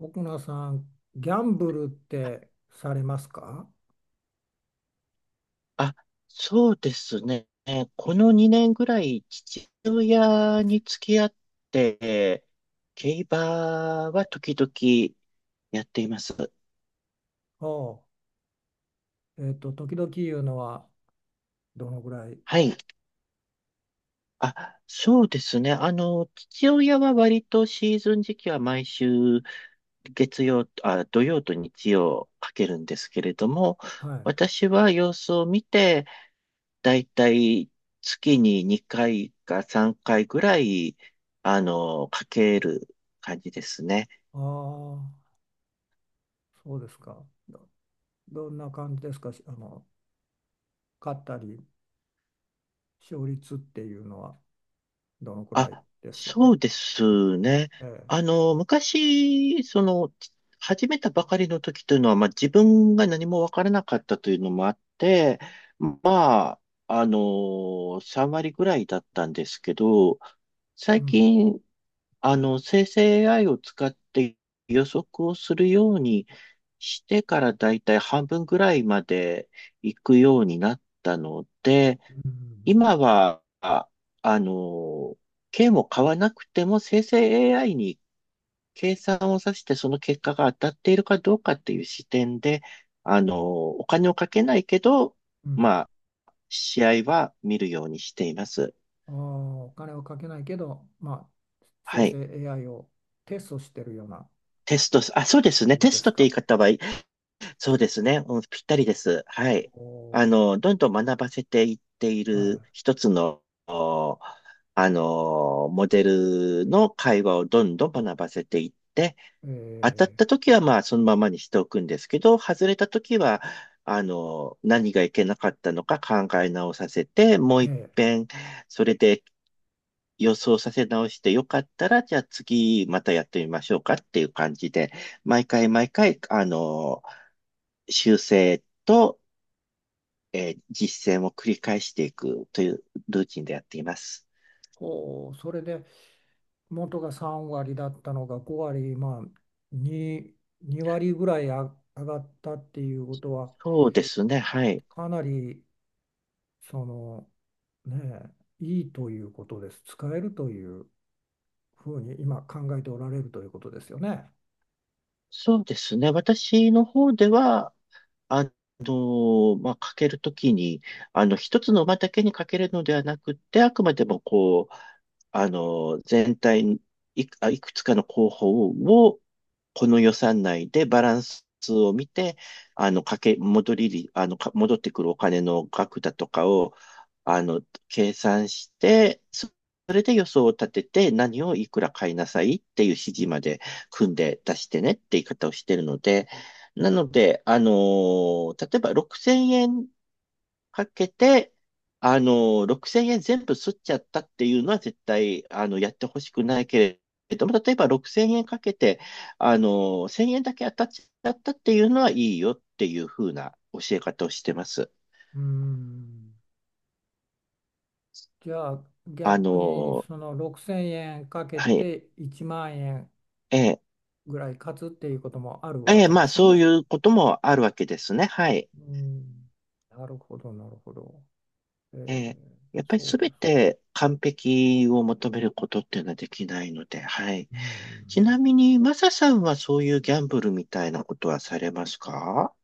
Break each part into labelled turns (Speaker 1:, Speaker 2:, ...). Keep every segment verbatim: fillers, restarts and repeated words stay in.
Speaker 1: 奥名さん、ギャンブルってされますか？
Speaker 2: あ、そうですね。このにねんぐらい、父親に付き合って、競馬は時々やっています。
Speaker 1: おう、えっと、時々言うのはどのぐらい？
Speaker 2: はい。あ、そうですね。あの、父親は割とシーズン時期は毎週月曜、あ、土曜と日曜かけるんですけれども、
Speaker 1: はい。あ
Speaker 2: 私は様子を見て、だいたい月ににかいかさんかいぐらい、あの、かける感じですね。
Speaker 1: あ、そうですか。ど、どんな感じですかし、あの、勝ったり、勝率っていうのはどのくらい
Speaker 2: あ、
Speaker 1: です？
Speaker 2: そうですね。
Speaker 1: え
Speaker 2: あ
Speaker 1: え。
Speaker 2: の、昔、その、始めたばかりの時というのは、まあ、自分が何もわからなかったというのもあって、まあ、あの、さん割ぐらいだったんですけど、
Speaker 1: う
Speaker 2: 最
Speaker 1: ん。
Speaker 2: 近、あの、生成 エーアイ を使って予測をするようにしてからだいたい半分ぐらいまで行くようになったので、
Speaker 1: うん。
Speaker 2: 今は、ああの、券を買わなくても生成 エーアイ に計算をさせてその結果が当たっているかどうかっていう視点で、あの、お金をかけないけど、
Speaker 1: うん。うん。
Speaker 2: まあ、試合は見るようにしています。
Speaker 1: ああ、お金をかけないけど、まあ、生
Speaker 2: は
Speaker 1: 成
Speaker 2: い。
Speaker 1: エーアイ をテストしてるような
Speaker 2: テスト、あ、そうですね。
Speaker 1: 感じ
Speaker 2: テ
Speaker 1: で
Speaker 2: スト
Speaker 1: す
Speaker 2: って言い
Speaker 1: か。
Speaker 2: 方はそうですね。うん、ぴったりです。はい。
Speaker 1: お
Speaker 2: あ
Speaker 1: お
Speaker 2: の、どんどん学ばせていってい
Speaker 1: ー、
Speaker 2: る
Speaker 1: は
Speaker 2: 一つの、おあの、モデルの会話をどんどん学ばせていって、
Speaker 1: い。
Speaker 2: 当たった
Speaker 1: え
Speaker 2: 時はまあそのままにしておくんですけど、外れた時は、あの、何がいけなかったのか考え直させて、もう一
Speaker 1: えええ。
Speaker 2: 遍、それで予想させ直してよかったら、じゃあ次またやってみましょうかっていう感じで、毎回毎回、あの、修正と、えー実践を繰り返していくというルーティンでやっています。
Speaker 1: ほう、それで元がさん割だったのがご割、まあに、に割ぐらいあ上がったっていうことは、
Speaker 2: そうですね、はい。
Speaker 1: かなりその、ねえ、いいということです。使えるというふうに今考えておられるということですよね。
Speaker 2: そうですね。私の方では、あの、まあ、かけるときに、あの、一つの馬だけにかけるのではなくて、あくまでもこう、あの、全体にいく、あいくつかの候補を、この予算内でバランスを見て、あの、かけ、戻りり、あの、か戻ってくるお金の額だとかを、あの、計算して、そそれで予想を立てて、何をいくら買いなさいっていう指示まで組んで出してねって言い方をしてるので、なので、あのー例えばろくせんえんかけて、あのーろくせんえん全部吸っちゃったっていうのは絶対、あの、やってほしくないけれども、例えばろくせんえんかけて、あのーせんえんだけ当たっちゃったっていうのはいいよっていうふうな教え方をしてます。
Speaker 1: うーん。じゃあ
Speaker 2: あ
Speaker 1: 逆に
Speaker 2: の
Speaker 1: そ
Speaker 2: ー
Speaker 1: のろくせんえんかけ
Speaker 2: はい。
Speaker 1: ていちまん円
Speaker 2: ええ、
Speaker 1: ぐらい勝つっていうこともあるわ
Speaker 2: ええ、
Speaker 1: け
Speaker 2: ま
Speaker 1: で
Speaker 2: あ
Speaker 1: すよ
Speaker 2: そうい
Speaker 1: ね。
Speaker 2: うこともあるわけですね。はい。
Speaker 1: うん。なるほど、なるほど。え
Speaker 2: え
Speaker 1: ー
Speaker 2: えやっぱりす
Speaker 1: そう
Speaker 2: べ
Speaker 1: です。
Speaker 2: て完璧を求めることっていうのはできないので、はい。
Speaker 1: う
Speaker 2: ち
Speaker 1: ん。
Speaker 2: なみに、マサさんはそういうギャンブルみたいなことはされますか？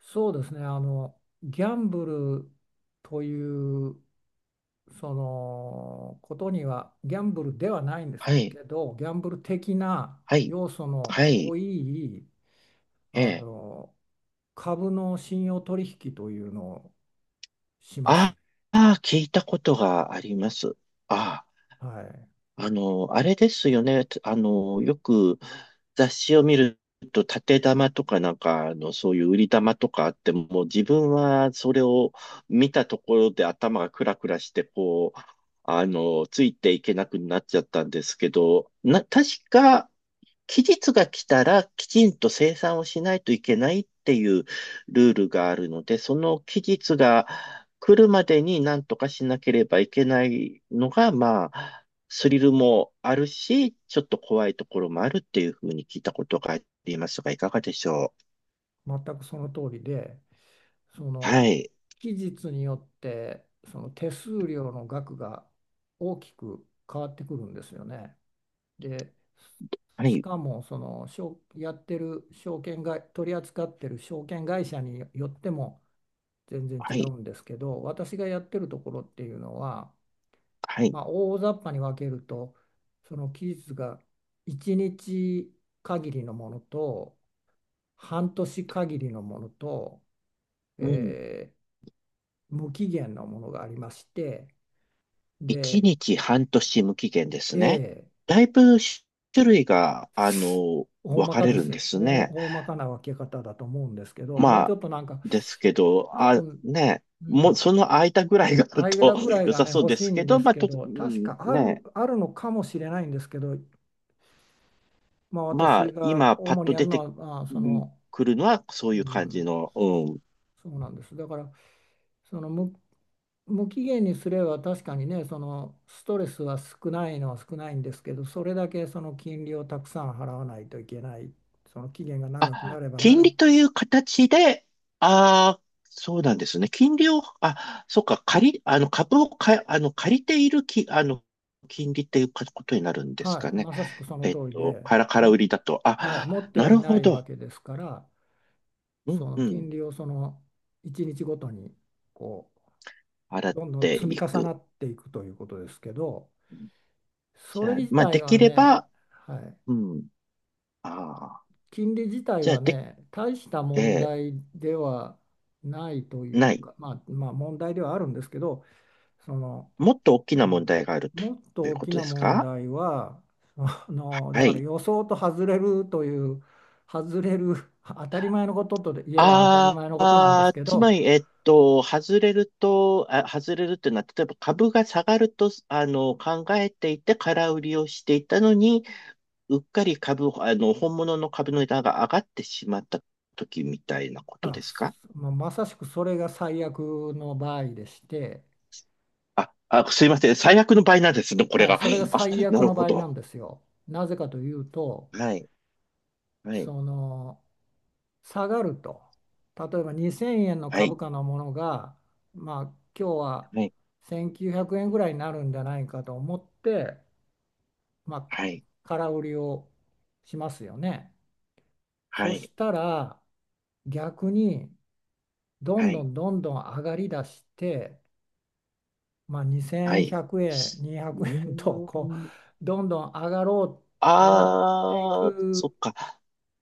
Speaker 1: そうですね。あの、ギャンブルという、そのことには、ギャンブルではないんです
Speaker 2: はい、
Speaker 1: けど、ギャンブル的な
Speaker 2: はい、
Speaker 1: 要素の
Speaker 2: はい、
Speaker 1: 多い、
Speaker 2: え
Speaker 1: あ
Speaker 2: え。
Speaker 1: の、株の信用取引というのをします
Speaker 2: あ
Speaker 1: ね。
Speaker 2: あ、聞いたことがあります。ああ。
Speaker 1: はい。
Speaker 2: あの、あれですよね。あの、よく雑誌を見ると、縦玉とかなんか、あの、そういう売り玉とかあって、もう自分はそれを見たところで頭がクラクラして、こう、あの、ついていけなくなっちゃったんですけど、な、確か、期日が来たらきちんと生産をしないといけないっていうルールがあるので、その期日が来るまでに何とかしなければいけないのが、まあ、スリルもあるし、ちょっと怖いところもあるっていうふうに聞いたことがありますが、いかがでしょう？
Speaker 1: 全くその通りで、そ
Speaker 2: は
Speaker 1: の、
Speaker 2: い。
Speaker 1: 期日によって、その手数料の額が大きく変わってくるんですよね。で、
Speaker 2: は
Speaker 1: し
Speaker 2: い。
Speaker 1: かもその証やってる証券会、取り扱ってる証券会社によっても全然
Speaker 2: は
Speaker 1: 違
Speaker 2: い。
Speaker 1: うんですけど、私がやってるところっていうのは、
Speaker 2: はい。
Speaker 1: まあ、大雑把に分けると、その期日がいちにち限りのものと、半年限りのものと、
Speaker 2: うん。
Speaker 1: えー無期限のものがありまして、
Speaker 2: 1
Speaker 1: で、
Speaker 2: 日半年無期限ですね。
Speaker 1: A、
Speaker 2: だいぶ種類が、あの、
Speaker 1: 大
Speaker 2: 分
Speaker 1: ま
Speaker 2: か
Speaker 1: か
Speaker 2: れ
Speaker 1: で
Speaker 2: るんで
Speaker 1: す。
Speaker 2: す
Speaker 1: 大、
Speaker 2: ね。
Speaker 1: 大まかな分け方だと思うんですけど、もう
Speaker 2: ま
Speaker 1: ち
Speaker 2: あ、
Speaker 1: ょっとなんか、
Speaker 2: ですけど、
Speaker 1: 多
Speaker 2: あ、
Speaker 1: 分、
Speaker 2: ね、
Speaker 1: う
Speaker 2: もう
Speaker 1: ん、
Speaker 2: その空いたぐらいがある
Speaker 1: 間
Speaker 2: と
Speaker 1: ぐら い
Speaker 2: 良
Speaker 1: が
Speaker 2: さ
Speaker 1: ね、
Speaker 2: そう
Speaker 1: 欲
Speaker 2: で
Speaker 1: しい
Speaker 2: す
Speaker 1: ん
Speaker 2: け
Speaker 1: で
Speaker 2: ど、
Speaker 1: す
Speaker 2: まあ、
Speaker 1: け
Speaker 2: と、
Speaker 1: ど、
Speaker 2: う
Speaker 1: 確
Speaker 2: ん
Speaker 1: かある、
Speaker 2: ね、
Speaker 1: あるのかもしれないんですけど、まあ、
Speaker 2: まあ、
Speaker 1: 私が
Speaker 2: 今パッ
Speaker 1: 主に
Speaker 2: と
Speaker 1: やる
Speaker 2: 出
Speaker 1: の
Speaker 2: て
Speaker 1: は、まあ、
Speaker 2: う
Speaker 1: そ
Speaker 2: ん
Speaker 1: の、
Speaker 2: くるのはそ
Speaker 1: う
Speaker 2: ういう感じ
Speaker 1: ん、
Speaker 2: の、うん。
Speaker 1: そうなんです。だから、その無、無期限にすれば確かにね、そのストレスは少ないのは少ないんですけど、それだけその金利をたくさん払わないといけない、その期限が長くな
Speaker 2: あ、
Speaker 1: ればな
Speaker 2: 金
Speaker 1: る、
Speaker 2: 利という形で、ああ、そうなんですね。金利を、あ、そっか、借り、あの、株をか、あの、借りているき、あの、金利っていうかことになるんですか
Speaker 1: はい、
Speaker 2: ね。
Speaker 1: まさしくその
Speaker 2: えっ
Speaker 1: 通り
Speaker 2: と、
Speaker 1: で、
Speaker 2: から、空売
Speaker 1: も、
Speaker 2: りだと。
Speaker 1: はい、持っ
Speaker 2: あ、
Speaker 1: て
Speaker 2: な
Speaker 1: は
Speaker 2: る
Speaker 1: いな
Speaker 2: ほ
Speaker 1: いわ
Speaker 2: ど。
Speaker 1: けですから。
Speaker 2: う
Speaker 1: そ
Speaker 2: ん、
Speaker 1: の
Speaker 2: うん。
Speaker 1: 金利をそのいちにちごとに、こ
Speaker 2: 払
Speaker 1: う
Speaker 2: っ
Speaker 1: どんどん
Speaker 2: て
Speaker 1: 積み
Speaker 2: い
Speaker 1: 重な
Speaker 2: く。
Speaker 1: っていくということですけど、
Speaker 2: じ
Speaker 1: それ
Speaker 2: ゃあ、
Speaker 1: 自
Speaker 2: まあ、
Speaker 1: 体
Speaker 2: でき
Speaker 1: は
Speaker 2: れ
Speaker 1: ね、
Speaker 2: ば、
Speaker 1: はい、
Speaker 2: うん。ああ。
Speaker 1: 金利自体
Speaker 2: じゃあ、
Speaker 1: は
Speaker 2: で、
Speaker 1: ね、大した問
Speaker 2: えー
Speaker 1: 題ではないとい
Speaker 2: な
Speaker 1: う
Speaker 2: い。
Speaker 1: か、まあ、まあ問題ではあるんですけど、その、
Speaker 2: もっと大き
Speaker 1: う
Speaker 2: な問
Speaker 1: ん、
Speaker 2: 題があると
Speaker 1: もっと
Speaker 2: という
Speaker 1: 大
Speaker 2: こ
Speaker 1: き
Speaker 2: とで
Speaker 1: な
Speaker 2: す
Speaker 1: 問
Speaker 2: か？
Speaker 1: 題は、そのだ
Speaker 2: は
Speaker 1: から
Speaker 2: い。
Speaker 1: 予想と外れるという、外れる、当たり前のことと言えば当たり
Speaker 2: あー
Speaker 1: 前のことなんです
Speaker 2: あー、
Speaker 1: け
Speaker 2: つま
Speaker 1: ど。
Speaker 2: り、えっと、外れると、あ、外れるっていうのは、例えば株が下がると、あの、考えていて空売りをしていたのに、うっかり株、あの、本物の株の値段が上がってしまった時みたいなこと
Speaker 1: あ、
Speaker 2: ですか？
Speaker 1: すまあまさしくそれが最悪の場合でして、
Speaker 2: あ、あ、すいません。最悪の場合なんですね、これ
Speaker 1: はい、
Speaker 2: が。あ、
Speaker 1: それが最
Speaker 2: な
Speaker 1: 悪
Speaker 2: る
Speaker 1: の場
Speaker 2: ほ
Speaker 1: 合な
Speaker 2: ど。
Speaker 1: んですよ。なぜかというと、
Speaker 2: はい。はい。
Speaker 1: その下がると、例えばにせんえんの
Speaker 2: はい、
Speaker 1: 株価のものが、まあ、今日は
Speaker 2: はい、
Speaker 1: せんきゅうひゃくえんぐらいになるんじゃないかと思って、まあ、
Speaker 2: はい、
Speaker 1: 空売りをしますよね。
Speaker 2: は
Speaker 1: そ
Speaker 2: い、
Speaker 1: したら逆にどん
Speaker 2: は
Speaker 1: ど
Speaker 2: い、
Speaker 1: んどんどん上がりだして、まあ、
Speaker 2: は
Speaker 1: 2100
Speaker 2: い。
Speaker 1: 円、200
Speaker 2: う
Speaker 1: 円
Speaker 2: ー
Speaker 1: と、こ
Speaker 2: ん。
Speaker 1: うどんどん上がろう、上がってい
Speaker 2: あー、そ
Speaker 1: く
Speaker 2: っか。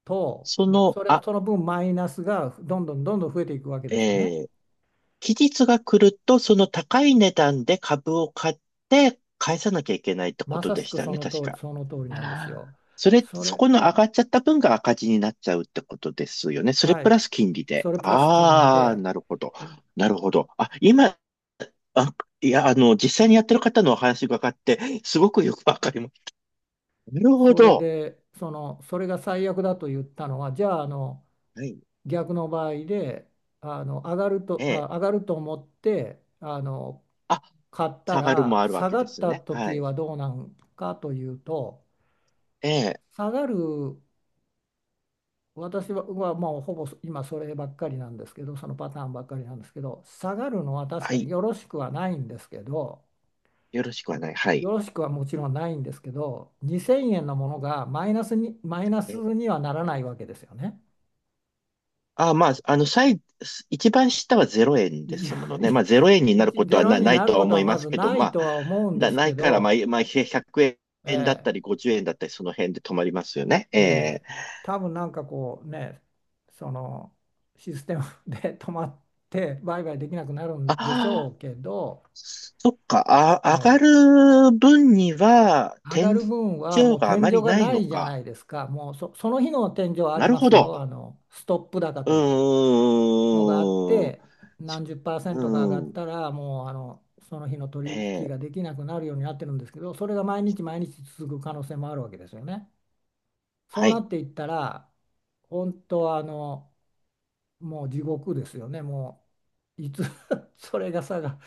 Speaker 1: と、
Speaker 2: その、
Speaker 1: それ、
Speaker 2: あ、
Speaker 1: その分マイナスがどんどんどんどん増えていくわけですよね。
Speaker 2: えー、期日が来ると、その高い値段で株を買って返さなきゃいけないってこ
Speaker 1: ま
Speaker 2: と
Speaker 1: さ
Speaker 2: で
Speaker 1: し
Speaker 2: し
Speaker 1: く
Speaker 2: たよ
Speaker 1: そ
Speaker 2: ね、
Speaker 1: の
Speaker 2: 確
Speaker 1: 通り、
Speaker 2: か。
Speaker 1: その通り
Speaker 2: あ
Speaker 1: なんですよ。
Speaker 2: ーそれ、
Speaker 1: そ
Speaker 2: そ
Speaker 1: れ、
Speaker 2: この上がっちゃった分が赤字になっちゃうってことですよね。それ
Speaker 1: は
Speaker 2: プ
Speaker 1: い、
Speaker 2: ラス金利で。
Speaker 1: それプラス金利
Speaker 2: ああ、
Speaker 1: で、
Speaker 2: なるほど。なるほど。あ、今、あ、いや、あの、実際にやってる方のお話伺って、すごくよくわかります。なるほ
Speaker 1: それ
Speaker 2: ど。
Speaker 1: で、その、それが最悪だと言ったのは、じゃあ、あの、
Speaker 2: はい。
Speaker 1: 逆の場合で、あの、上がる
Speaker 2: え
Speaker 1: と、あ、
Speaker 2: え。
Speaker 1: 上がると思って、あの、
Speaker 2: あ、
Speaker 1: 買った
Speaker 2: 下がるも
Speaker 1: ら
Speaker 2: あるわ
Speaker 1: 下
Speaker 2: け
Speaker 1: が
Speaker 2: で
Speaker 1: っ
Speaker 2: す
Speaker 1: た
Speaker 2: ね。は
Speaker 1: 時
Speaker 2: い。
Speaker 1: はどうなんかというと、
Speaker 2: ええ。
Speaker 1: 下がる。私ははもうほぼ今そればっかりなんですけど、そのパターンばっかりなんですけど、下がるのは確
Speaker 2: は
Speaker 1: かに
Speaker 2: い。
Speaker 1: よろしくはないんですけど、
Speaker 2: よろしくはない。は
Speaker 1: よ
Speaker 2: い。
Speaker 1: ろしくはもちろんないんですけど、にせんえんのものがマイナスに、マイナス
Speaker 2: え
Speaker 1: にはならないわけですよね。
Speaker 2: あ、まあ、あの、最、一番下はぜろえんで
Speaker 1: い
Speaker 2: す
Speaker 1: や、
Speaker 2: ものね。まあ、0円になるこ
Speaker 1: い
Speaker 2: と
Speaker 1: ゼ
Speaker 2: は
Speaker 1: ロ
Speaker 2: な、
Speaker 1: に
Speaker 2: ない
Speaker 1: な
Speaker 2: と
Speaker 1: る
Speaker 2: は
Speaker 1: こと
Speaker 2: 思
Speaker 1: は
Speaker 2: い
Speaker 1: ま
Speaker 2: ます
Speaker 1: ず
Speaker 2: けど、
Speaker 1: ない
Speaker 2: まあ、
Speaker 1: とは思うんで
Speaker 2: だ、
Speaker 1: す
Speaker 2: な
Speaker 1: け
Speaker 2: いから、まあ、
Speaker 1: ど、
Speaker 2: まあ、ひゃくえんだっ
Speaker 1: え
Speaker 2: た
Speaker 1: え
Speaker 2: り、ごじゅうえんだったり、その辺で止まりますよね。え
Speaker 1: え
Speaker 2: え。
Speaker 1: え、多分なんかこうね、そのシステムで 止まって売買できなくなる
Speaker 2: あ
Speaker 1: んでしょ
Speaker 2: あ、
Speaker 1: うけど、
Speaker 2: そっか。あ、上
Speaker 1: は
Speaker 2: が
Speaker 1: い、
Speaker 2: る分には、
Speaker 1: 上が
Speaker 2: 天井
Speaker 1: る分はもう
Speaker 2: があ
Speaker 1: 天
Speaker 2: ま
Speaker 1: 井
Speaker 2: り
Speaker 1: が
Speaker 2: ない
Speaker 1: な
Speaker 2: の
Speaker 1: いじゃ
Speaker 2: か。
Speaker 1: ないですか、もうそ、その日の天井はあり
Speaker 2: なる
Speaker 1: ま
Speaker 2: ほ
Speaker 1: すよ、あ
Speaker 2: ど。
Speaker 1: のストップ高
Speaker 2: う
Speaker 1: というのがあっ
Speaker 2: ー
Speaker 1: て、
Speaker 2: ん。
Speaker 1: 何十パーセ
Speaker 2: う
Speaker 1: ントか上がっ
Speaker 2: ん。
Speaker 1: たら、もうあのその日の取引
Speaker 2: ええ。
Speaker 1: ができなくなるようになってるんですけど、それが毎日毎日続く可能性もあるわけですよね。そ
Speaker 2: は
Speaker 1: うな
Speaker 2: い。
Speaker 1: っていったら、本当はあのもう地獄ですよね。もういつ それが下が、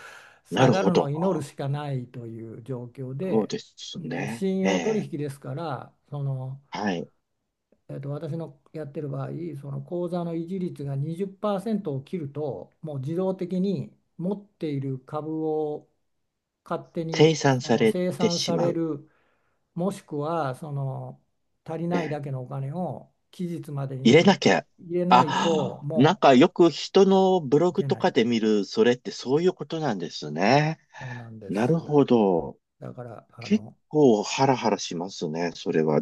Speaker 2: な
Speaker 1: 下
Speaker 2: る
Speaker 1: が
Speaker 2: ほ
Speaker 1: るのを
Speaker 2: ど。
Speaker 1: 祈るしかないという状況
Speaker 2: そう
Speaker 1: で、
Speaker 2: です
Speaker 1: で
Speaker 2: ね。
Speaker 1: 信
Speaker 2: え
Speaker 1: 用取
Speaker 2: え。
Speaker 1: 引ですから、その、
Speaker 2: はい。
Speaker 1: えっと、私のやってる場合、その口座の維持率がにじゅっパーセントを切るともう自動的に持っている株を勝手
Speaker 2: 計
Speaker 1: に
Speaker 2: 算
Speaker 1: そ
Speaker 2: さ
Speaker 1: の
Speaker 2: れ
Speaker 1: 清
Speaker 2: て
Speaker 1: 算
Speaker 2: し
Speaker 1: さ
Speaker 2: ま
Speaker 1: れ
Speaker 2: う。
Speaker 1: る、もしくはその足り
Speaker 2: え
Speaker 1: ないだ
Speaker 2: え
Speaker 1: けのお金を期日まで
Speaker 2: 入れな
Speaker 1: に
Speaker 2: きゃ。
Speaker 1: 入れないと
Speaker 2: あ、なん
Speaker 1: も
Speaker 2: かよく人のブロ
Speaker 1: うい
Speaker 2: グ
Speaker 1: け
Speaker 2: と
Speaker 1: ない。
Speaker 2: かで見る、それってそういうことなんですね。
Speaker 1: そうなんで
Speaker 2: なる
Speaker 1: す。
Speaker 2: ほど。
Speaker 1: だから、あ
Speaker 2: 結
Speaker 1: の、
Speaker 2: 構ハラハラしますね、それは。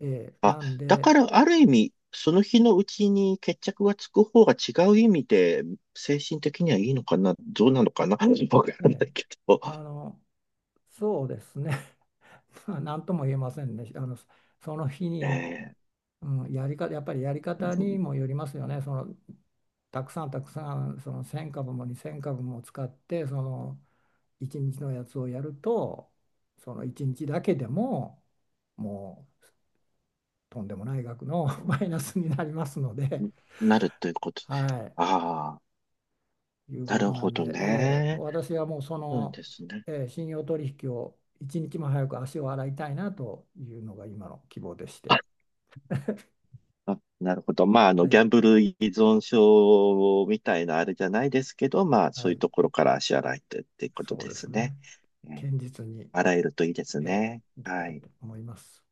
Speaker 1: ええ、なん
Speaker 2: だか
Speaker 1: で、
Speaker 2: らある意味、その日のうちに決着がつく方が違う意味で、精神的にはいいのかな、どうなのかな、わから
Speaker 1: え
Speaker 2: ない
Speaker 1: え、
Speaker 2: けど、
Speaker 1: あの、そうですね、まあなんとも言えませんね。あの、その日に、
Speaker 2: ええ。
Speaker 1: うん、やり方、やっぱりやり方
Speaker 2: う
Speaker 1: に
Speaker 2: ん。
Speaker 1: もよりますよね。その、たくさんたくさん、そのせん株もにせん株も使って、その、いちにちのやつをやると、そのいちにちだけでも、もう、とんでもない額の
Speaker 2: う ん。
Speaker 1: マイナスになりますので、
Speaker 2: なるということ。
Speaker 1: はい。
Speaker 2: ああ、
Speaker 1: いう
Speaker 2: な
Speaker 1: こ
Speaker 2: る
Speaker 1: とな
Speaker 2: ほ
Speaker 1: ん
Speaker 2: ど
Speaker 1: で、えー
Speaker 2: ね。
Speaker 1: 私はもうそ
Speaker 2: そうなん
Speaker 1: の、
Speaker 2: ですね。
Speaker 1: えー信用取引を一日も早く足を洗いたいなというのが今の希望でして、
Speaker 2: ああなるほど。まあ、あの、
Speaker 1: は
Speaker 2: ギ
Speaker 1: い、
Speaker 2: ャンブル依存症みたいなあれじゃないですけど、まあ、そ
Speaker 1: は
Speaker 2: ういう
Speaker 1: い、
Speaker 2: ところから足洗いとっていうこと
Speaker 1: そう
Speaker 2: で
Speaker 1: です
Speaker 2: すね。
Speaker 1: ね、
Speaker 2: うん。
Speaker 1: 堅実に、
Speaker 2: 洗えるといいです
Speaker 1: えー
Speaker 2: ね。
Speaker 1: いきた
Speaker 2: は
Speaker 1: い
Speaker 2: い。
Speaker 1: と思います。